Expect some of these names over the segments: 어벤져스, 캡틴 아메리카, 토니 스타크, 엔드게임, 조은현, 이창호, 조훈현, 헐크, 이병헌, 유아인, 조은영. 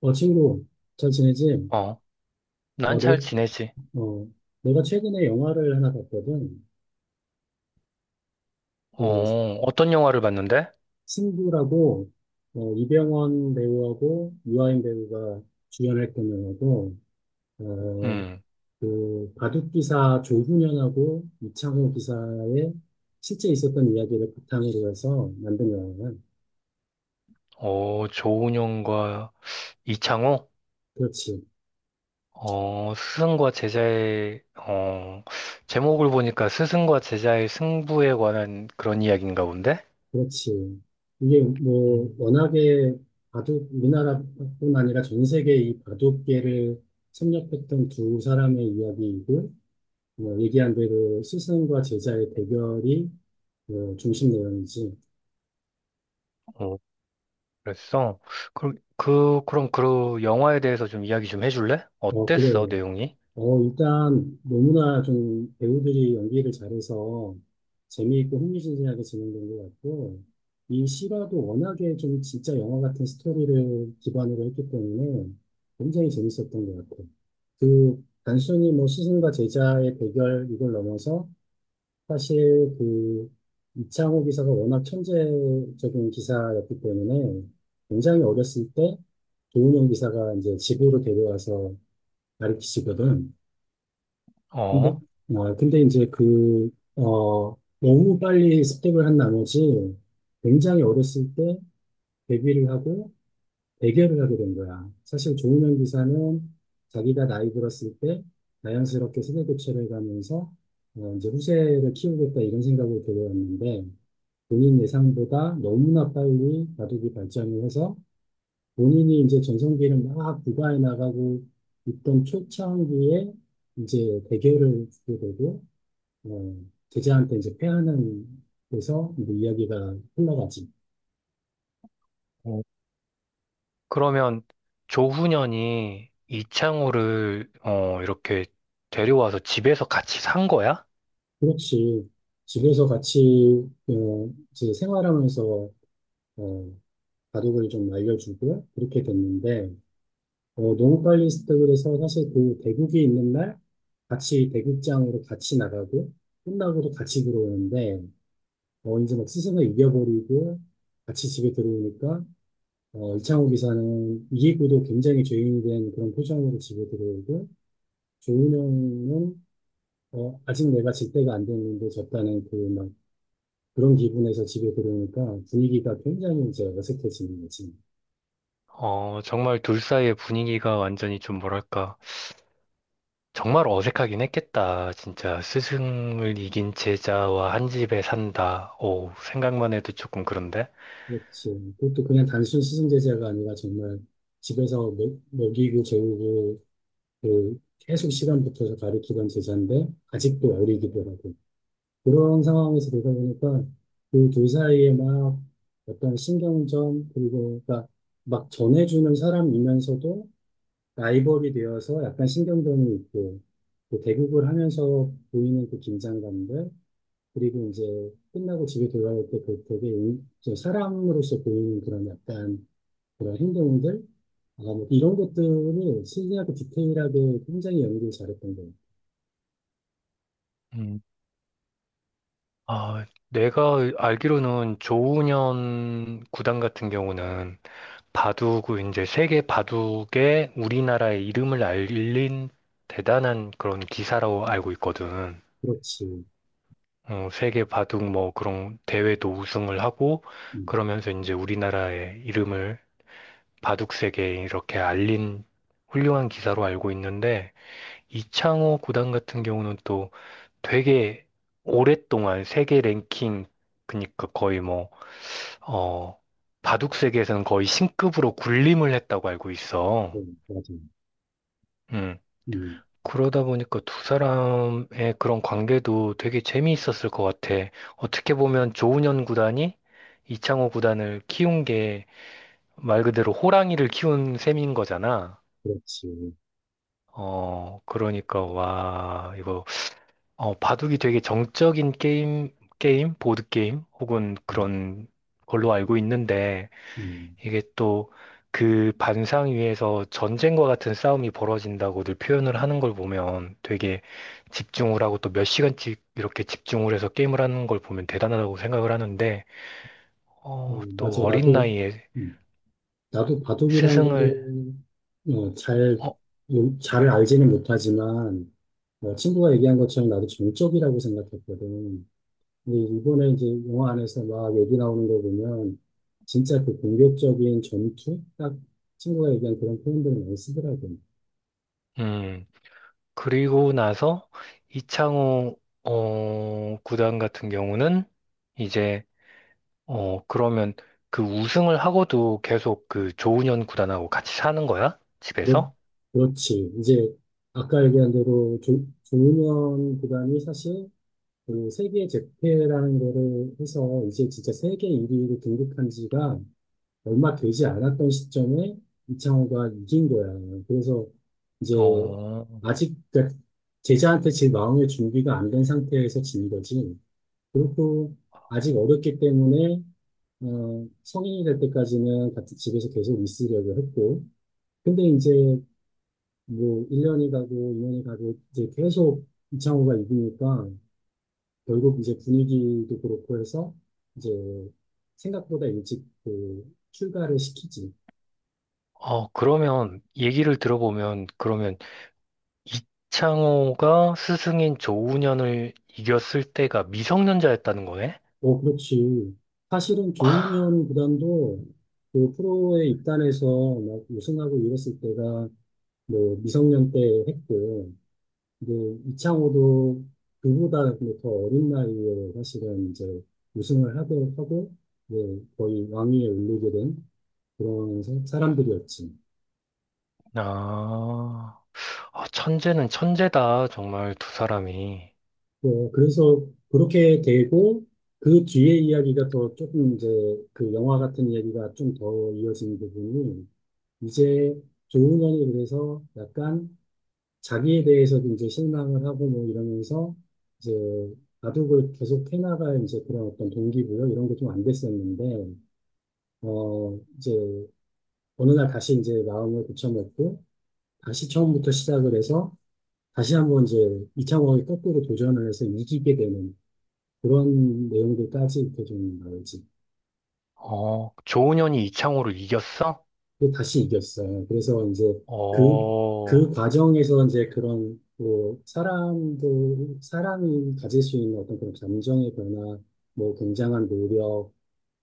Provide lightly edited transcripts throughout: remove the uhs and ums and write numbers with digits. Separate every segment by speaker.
Speaker 1: 친구, 잘 지내지?
Speaker 2: 어, 난
Speaker 1: 어, 내,
Speaker 2: 잘 지내지.
Speaker 1: 어, 내가 최근에 영화를 하나 봤거든. 그,
Speaker 2: 어, 어떤 영화를 봤는데?
Speaker 1: 승부라고, 이병헌 배우하고 유아인 배우가 주연했던 영화고, 어,
Speaker 2: 음.
Speaker 1: 바둑기사 조훈현하고 이창호 기사의 실제 있었던 이야기를 바탕으로 해서 만든 영화야.
Speaker 2: 조은영과 이창호?
Speaker 1: 그렇지.
Speaker 2: 스승과 제자의, 제목을 보니까 스승과 제자의 승부에 관한 그런 이야기인가 본데?
Speaker 1: 그렇지. 이게 뭐
Speaker 2: 음.
Speaker 1: 워낙에 바둑 우리나라뿐 아니라 전 세계 이 바둑계를 섭렵했던 두 사람의 이야기이고 뭐 얘기한 대로 스승과 제자의 대결이 뭐 중심 내용이지.
Speaker 2: 어, 그랬어. 그럼, 그럼 그 영화에 대해서 좀 이야기 좀 해줄래?
Speaker 1: 어 그래.
Speaker 2: 어땠어, 내용이?
Speaker 1: 일단 너무나 좀 배우들이 연기를 잘해서 재미있고 흥미진진하게 진행된 것 같고, 이 실화도 워낙에 좀 진짜 영화 같은 스토리를 기반으로 했기 때문에 굉장히 재밌었던 것 같아요. 단순히 뭐 스승과 제자의 대결 이걸 넘어서 사실 이창호 기사가 워낙 천재적인 기사였기 때문에 굉장히 어렸을 때 조은영 기사가 이제 집으로 데려와서 가르치시거든. 근데,
Speaker 2: 어.
Speaker 1: 근데 이제 너무 빨리 습득을 한 나머지 굉장히 어렸을 때 데뷔를 하고 대결을 하게 된 거야. 사실 조은현 기사는 자기가 나이 들었을 때 자연스럽게 세대 교체를 가면서 이제 후세를 키우겠다 이런 생각을 들여왔는데 본인 예상보다 너무나 빨리 바둑이 발전을 해서 본인이 이제 전성기를 막 부과해 나가고 있던 초창기에 이제 대결을 주게 되고 어, 제자한테 이제 패하는 데서 이제 이야기가 흘러가지.
Speaker 2: 어, 그러면 조훈현이 이창호를 이렇게 데려와서 집에서 같이 산 거야?
Speaker 1: 그렇지. 집에서 같이 이제 생활하면서 어, 바둑을 좀 알려주고 그렇게 됐는데 너무 빨리 스탑을 해서 사실 그 대국이 있는 날 같이 대국장으로 같이 나가고 끝나고도 같이 들어오는데 이제 막 스승을 이겨버리고 같이 집에 들어오니까 이창호 기사는 이기고도 굉장히 죄인된 그런 표정으로 집에 들어오고 종민형은 아직 내가 질 때가 안 됐는데 졌다는 그 막 그런 기분에서 집에 들어오니까 분위기가 굉장히 이제 어색해지는 거지.
Speaker 2: 정말 둘 사이의 분위기가 완전히 좀 뭐랄까. 정말 어색하긴 했겠다. 진짜 스승을 이긴 제자와 한 집에 산다. 오, 생각만 해도 조금 그런데.
Speaker 1: 그렇지. 그것도 그냥 단순 시승 제재가 아니라 정말 집에서 먹이고 재우고 그 계속 시간 붙어서 가르치던 제자인데 아직도 어리기도 하고 그런 상황에서 되다 보니까 그 둘 사이에 막 어떤 신경전 그리고 그러니까 막 전해주는 사람이면서도 라이벌이 되어서 약간 신경전이 있고, 그 대국을 하면서 보이는 그 긴장감들, 그리고 이제 끝나고 집에 돌아올 때 그 되게 좀 사람으로서 보이는 그런 약간 그런 행동들, 뭐 이런 것들을 신기하고 디테일하게 굉장히 연기를 잘했던 거예요.
Speaker 2: 음. 아, 내가 알기로는 조훈현 구단 같은 경우는 바둑, 이제 세계 바둑에 우리나라의 이름을 알린 대단한 그런 기사라고 알고 있거든.
Speaker 1: 그렇지.
Speaker 2: 어, 세계 바둑 뭐 그런 대회도 우승을 하고
Speaker 1: 음,
Speaker 2: 그러면서 이제 우리나라의 이름을 바둑 세계에 이렇게 알린 훌륭한 기사로 알고 있는데 이창호 구단 같은 경우는 또 되게 오랫동안 세계 랭킹 그니까 러 거의 뭐 어, 바둑 세계에서는 거의 신급으로 군림을 했다고 알고 있어.
Speaker 1: 네, 맞아.
Speaker 2: 음.
Speaker 1: 음,
Speaker 2: 그러다 보니까 두 사람의 그런 관계도 되게 재미있었을 것 같아. 어떻게 보면 조훈현 구단이 이창호 구단을 키운 게 말 그대로 호랑이를 키운 셈인 거잖아.
Speaker 1: 그렇지.
Speaker 2: 어, 그러니까, 와, 이거, 바둑이 되게 정적인 게임, 보드게임, 혹은
Speaker 1: 음,
Speaker 2: 그런 걸로 알고 있는데,
Speaker 1: 음.
Speaker 2: 이게 또 그 반상 위에서 전쟁과 같은 싸움이 벌어진다고들 표현을 하는 걸 보면 되게 집중을 하고 또 몇 시간씩 이렇게 집중을 해서 게임을 하는 걸 보면 대단하다고 생각을 하는데, 어, 또
Speaker 1: 맞아.
Speaker 2: 어린 나이에
Speaker 1: 음, 나도 바둑이란 거를
Speaker 2: 스승을,
Speaker 1: 어, 잘,
Speaker 2: 어,
Speaker 1: 잘 알지는 못하지만, 친구가 얘기한 것처럼 나도 정적이라고 생각했거든. 근데 이번에 이제 영화 안에서 막 얘기 나오는 거 보면, 진짜 그 공격적인 전투? 딱 친구가 얘기한 그런 표현들을 많이 쓰더라고.
Speaker 2: 음, 그리고 나서 이창호, 구단 같은 경우는 이제, 그러면 그 우승을 하고도 계속 그 조훈현 구단하고 같이 사는 거야?
Speaker 1: 그렇,
Speaker 2: 집에서?
Speaker 1: 그렇지. 이제 아까 얘기한 대로 조은현 구단이 사실 그 세계 재패라는 거를 해서 이제 진짜 세계 1위로 등극한 지가 얼마 되지 않았던 시점에 이창호가 이긴 거야. 그래서 이제
Speaker 2: 어,
Speaker 1: 아직 그러니까 제자한테 제 마음의 준비가 안 된 상태에서 진 거지. 그렇고 아직 어렸기 때문에 성인이 될 때까지는 같은 집에서 계속 있으려고 했고. 근데 이제 뭐 1년이 가고 2년이 가고 이제 계속 이창호가 이기니까 결국 이제 분위기도 그렇고 해서 이제 생각보다 일찍 그 출가를 시키지.
Speaker 2: 그러면 얘기를 들어보면 그러면 이창호가 스승인 조훈현을 이겼을 때가 미성년자였다는 거네?
Speaker 1: 어, 그렇지. 사실은 조용현 구단도 그 프로에 입단해서 막 우승하고 이랬을 때가 뭐 미성년 때 했고, 이제 이창호도 그보다 뭐더 어린 나이에 사실은 이제 우승을 하고, 이제 거의 왕위에 오르게 된 그런 사람들이었지.
Speaker 2: 아, 아, 천재는 천재다. 정말 두 사람이.
Speaker 1: 그래서 그렇게 되고, 그 뒤에 이야기가 더 조금 이제 그 영화 같은 이야기가 좀 더 이어진 부분이 이제 조용현이 그래서 약간 자기에 대해서도 이제 실망을 하고 뭐 이러면서 이제 바둑을 계속 해나갈 이제 그런 어떤 동기부여 이런 게 좀 안 됐었는데, 이제 어느 날 다시 이제 마음을 고쳐먹고 다시 처음부터 시작을 해서 다시 한번 이제 이창호의 거꾸로 도전을 해서 이기게 되는 그런 내용들까지 이렇게 좀 나오지.
Speaker 2: 어, 조훈현이 이창호를 이겼어?
Speaker 1: 또 다시 이겼어요. 그래서 이제 그, 그
Speaker 2: 어,
Speaker 1: 과정에서 이제 그런 뭐 사람도 사람이 가질 수 있는 어떤 그런 감정의 변화, 뭐 굉장한 노력,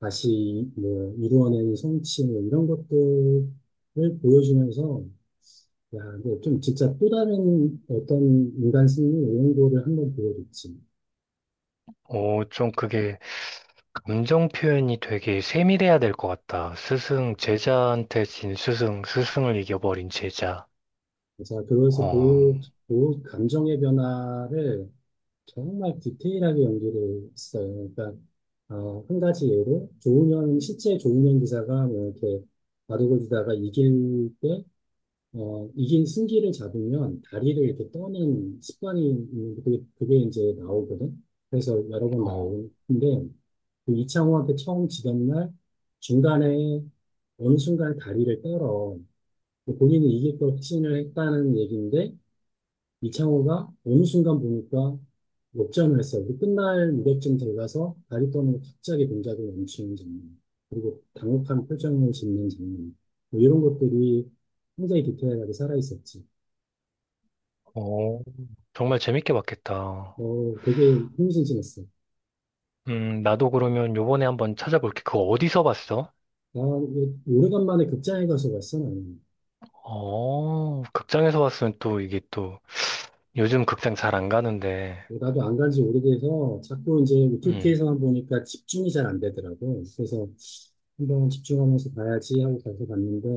Speaker 1: 다시 뭐 이루어낸 성취 뭐 이런 것들을 보여주면서 야, 이거 좀 진짜 또 다른 어떤 인간 승리 이런 거를 한번 보여줬지.
Speaker 2: 어, 좀 그게 감정 표현이 되게 세밀해야 될 것 같다. 스승, 제자한테 진 스승, 스승을 이겨버린 제자.
Speaker 1: 그래서
Speaker 2: 어,
Speaker 1: 그 감정의 변화를 정말 디테일하게 연기를 했어요. 그러니까 한 가지 예로 조은현 실제 조은현 기사가 뭐 이렇게 바둑을 두다가 이길 때 이긴 승기를 잡으면 다리를 이렇게 떠는 습관이 있는데 그게 이제 나오거든. 그래서 여러 번
Speaker 2: 어,
Speaker 1: 나오는데 그 이창호한테 처음 지던 날 중간에 어느 순간 다리를 떨어 본인이 이길 걸 확신을 했다는 얘기인데 이창호가 어느 순간 보니까 역전을 했어요. 그 끝날 무렵쯤 어가서 다리 떠는 갑자기 동작을 멈추는 장면, 그리고 당혹한 표정을 짓는 장면, 뭐 이런 것들이 굉장히 디테일하게 살아있었지.
Speaker 2: 어. 정말 재밌게 봤겠다.
Speaker 1: 되게 흥미진진했어.
Speaker 2: 나도 그러면 요번에 한번 찾아볼게. 그거 어디서 봤어?
Speaker 1: 나 오래간만에 극장에 가서 봤어, 나는.
Speaker 2: 극장에서 봤으면 또 이게 또 요즘 극장 잘 안 가는데.
Speaker 1: 나도 안 간지 오래돼서 자꾸 이제
Speaker 2: 음.
Speaker 1: OTT에서만 보니까 집중이 잘 안 되더라고. 그래서 한번 집중하면서 봐야지 하고 가서 봤는데,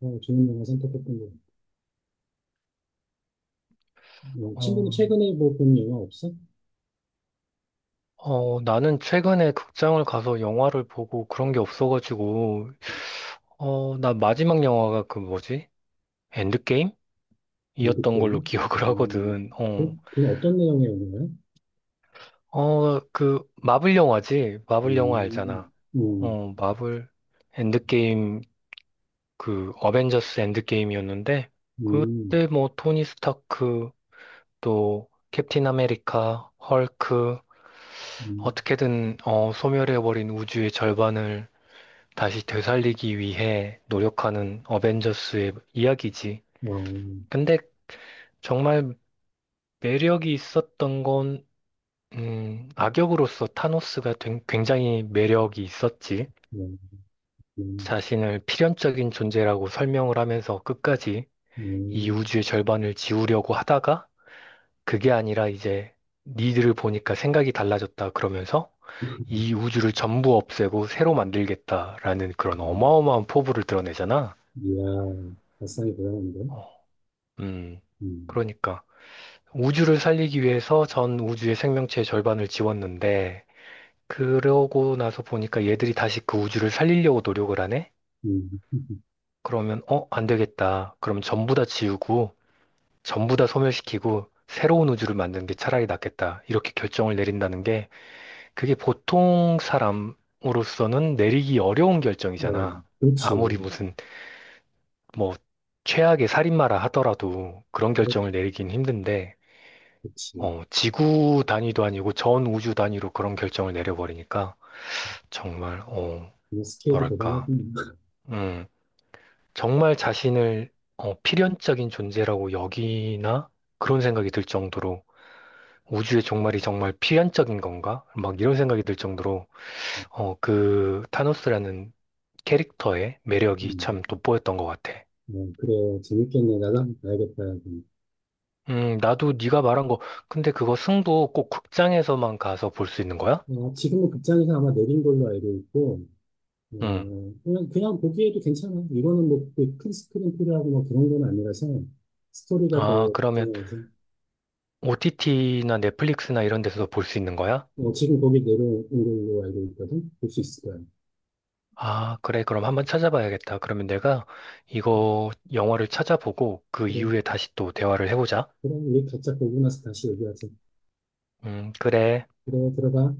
Speaker 1: 좋은 영화 선택했던 것 같아. 친구는
Speaker 2: 어,
Speaker 1: 최근에 뭐 본 영화 없어?
Speaker 2: 어, 나는 최근에 극장을 가서 영화를 보고 그런 게 없어가지고, 나 마지막 영화가 그 뭐지? 엔드게임?
Speaker 1: 연극
Speaker 2: 이었던
Speaker 1: 배우?
Speaker 2: 걸로 기억을
Speaker 1: 음,
Speaker 2: 하거든. 어,
Speaker 1: 그 어떤 내용의 영화야?
Speaker 2: 그 마블 영화지? 마블 영화 알잖아.
Speaker 1: 음, 음,
Speaker 2: 마블 엔드게임 그 어벤져스 엔드게임이었는데
Speaker 1: 음,
Speaker 2: 그때 뭐 토니 스타크 또 캡틴 아메리카, 헐크
Speaker 1: 음,
Speaker 2: 어떻게든 어, 소멸해버린 우주의 절반을 다시 되살리기 위해 노력하는 어벤져스의 이야기지.
Speaker 1: 어,
Speaker 2: 근데 정말 매력이 있었던 건 악역으로서 타노스가 된- 굉장히 매력이 있었지.
Speaker 1: 음,
Speaker 2: 자신을 필연적인 존재라고 설명을 하면서 끝까지 이
Speaker 1: 음,
Speaker 2: 우주의 절반을 지우려고 하다가 그게 아니라 이제 니들을 보니까 생각이 달라졌다 그러면서 이 우주를 전부 없애고 새로 만들겠다라는 그런
Speaker 1: 음.
Speaker 2: 어마어마한 포부를 드러내잖아.
Speaker 1: 이야, 발상이 대단한데?
Speaker 2: 어, 음,
Speaker 1: 음,
Speaker 2: 그러니까 우주를 살리기 위해서 전 우주의 생명체의 절반을 지웠는데 그러고 나서 보니까 얘들이 다시 그 우주를 살리려고 노력을 하네?
Speaker 1: 음,
Speaker 2: 그러면 어, 안 되겠다. 그럼 전부 다 지우고 전부 다 소멸시키고 새로운 우주를 만드는 게 차라리 낫겠다. 이렇게 결정을 내린다는 그게 보통 사람으로서는 내리기 어려운
Speaker 1: 어,
Speaker 2: 결정이잖아. 아무리
Speaker 1: 그렇지.
Speaker 2: 무슨 뭐 최악의 살인마라 하더라도 그런
Speaker 1: 그렇-
Speaker 2: 결정을 내리긴 힘든데,
Speaker 1: 그렇지.
Speaker 2: 지구 단위도 아니고 전 우주 단위로 그런 결정을 내려버리니까 정말 어,
Speaker 1: 이거 스케일이
Speaker 2: 뭐랄까,
Speaker 1: 대단하군.
Speaker 2: 음, 정말 자신을 필연적인 존재라고 여기나 그런 생각이 들 정도로 우주의 종말이 정말 필연적인 건가? 막 이런 생각이 들 정도로 그 타노스라는 캐릭터의 매력이
Speaker 1: 음,
Speaker 2: 참 돋보였던 것 같아.
Speaker 1: 어, 그래, 재밌겠네. 나도 한번 봐야겠다. 여기.
Speaker 2: 나도 네가 말한 거, 근데 그거 승부 꼭 극장에서만 가서 볼 수 있는 거야?
Speaker 1: 지금은 극장에서 아마 내린 걸로 알고 있고,
Speaker 2: 음.
Speaker 1: 그냥 보기에도 괜찮아. 이거는 뭐, 그큰 스크린 필요하고 뭐 그런 건 아니라서, 스토리가
Speaker 2: 아,
Speaker 1: 더
Speaker 2: 그러면
Speaker 1: 중요해서,
Speaker 2: OTT나 넷플릭스나 이런 데서도 볼 수 있는 거야?
Speaker 1: 지금 거기 내려온 걸로 알고 있거든? 볼 수 있을 거야.
Speaker 2: 아, 그래. 그럼 한번 찾아봐야겠다. 그러면 내가 이거 영화를 찾아보고 그
Speaker 1: 그래,
Speaker 2: 이후에 다시 또 대화를 해보자.
Speaker 1: 그럼 우리 각자 보고 나서 다시 얘기하자.
Speaker 2: 그래.
Speaker 1: 그래, 들어가.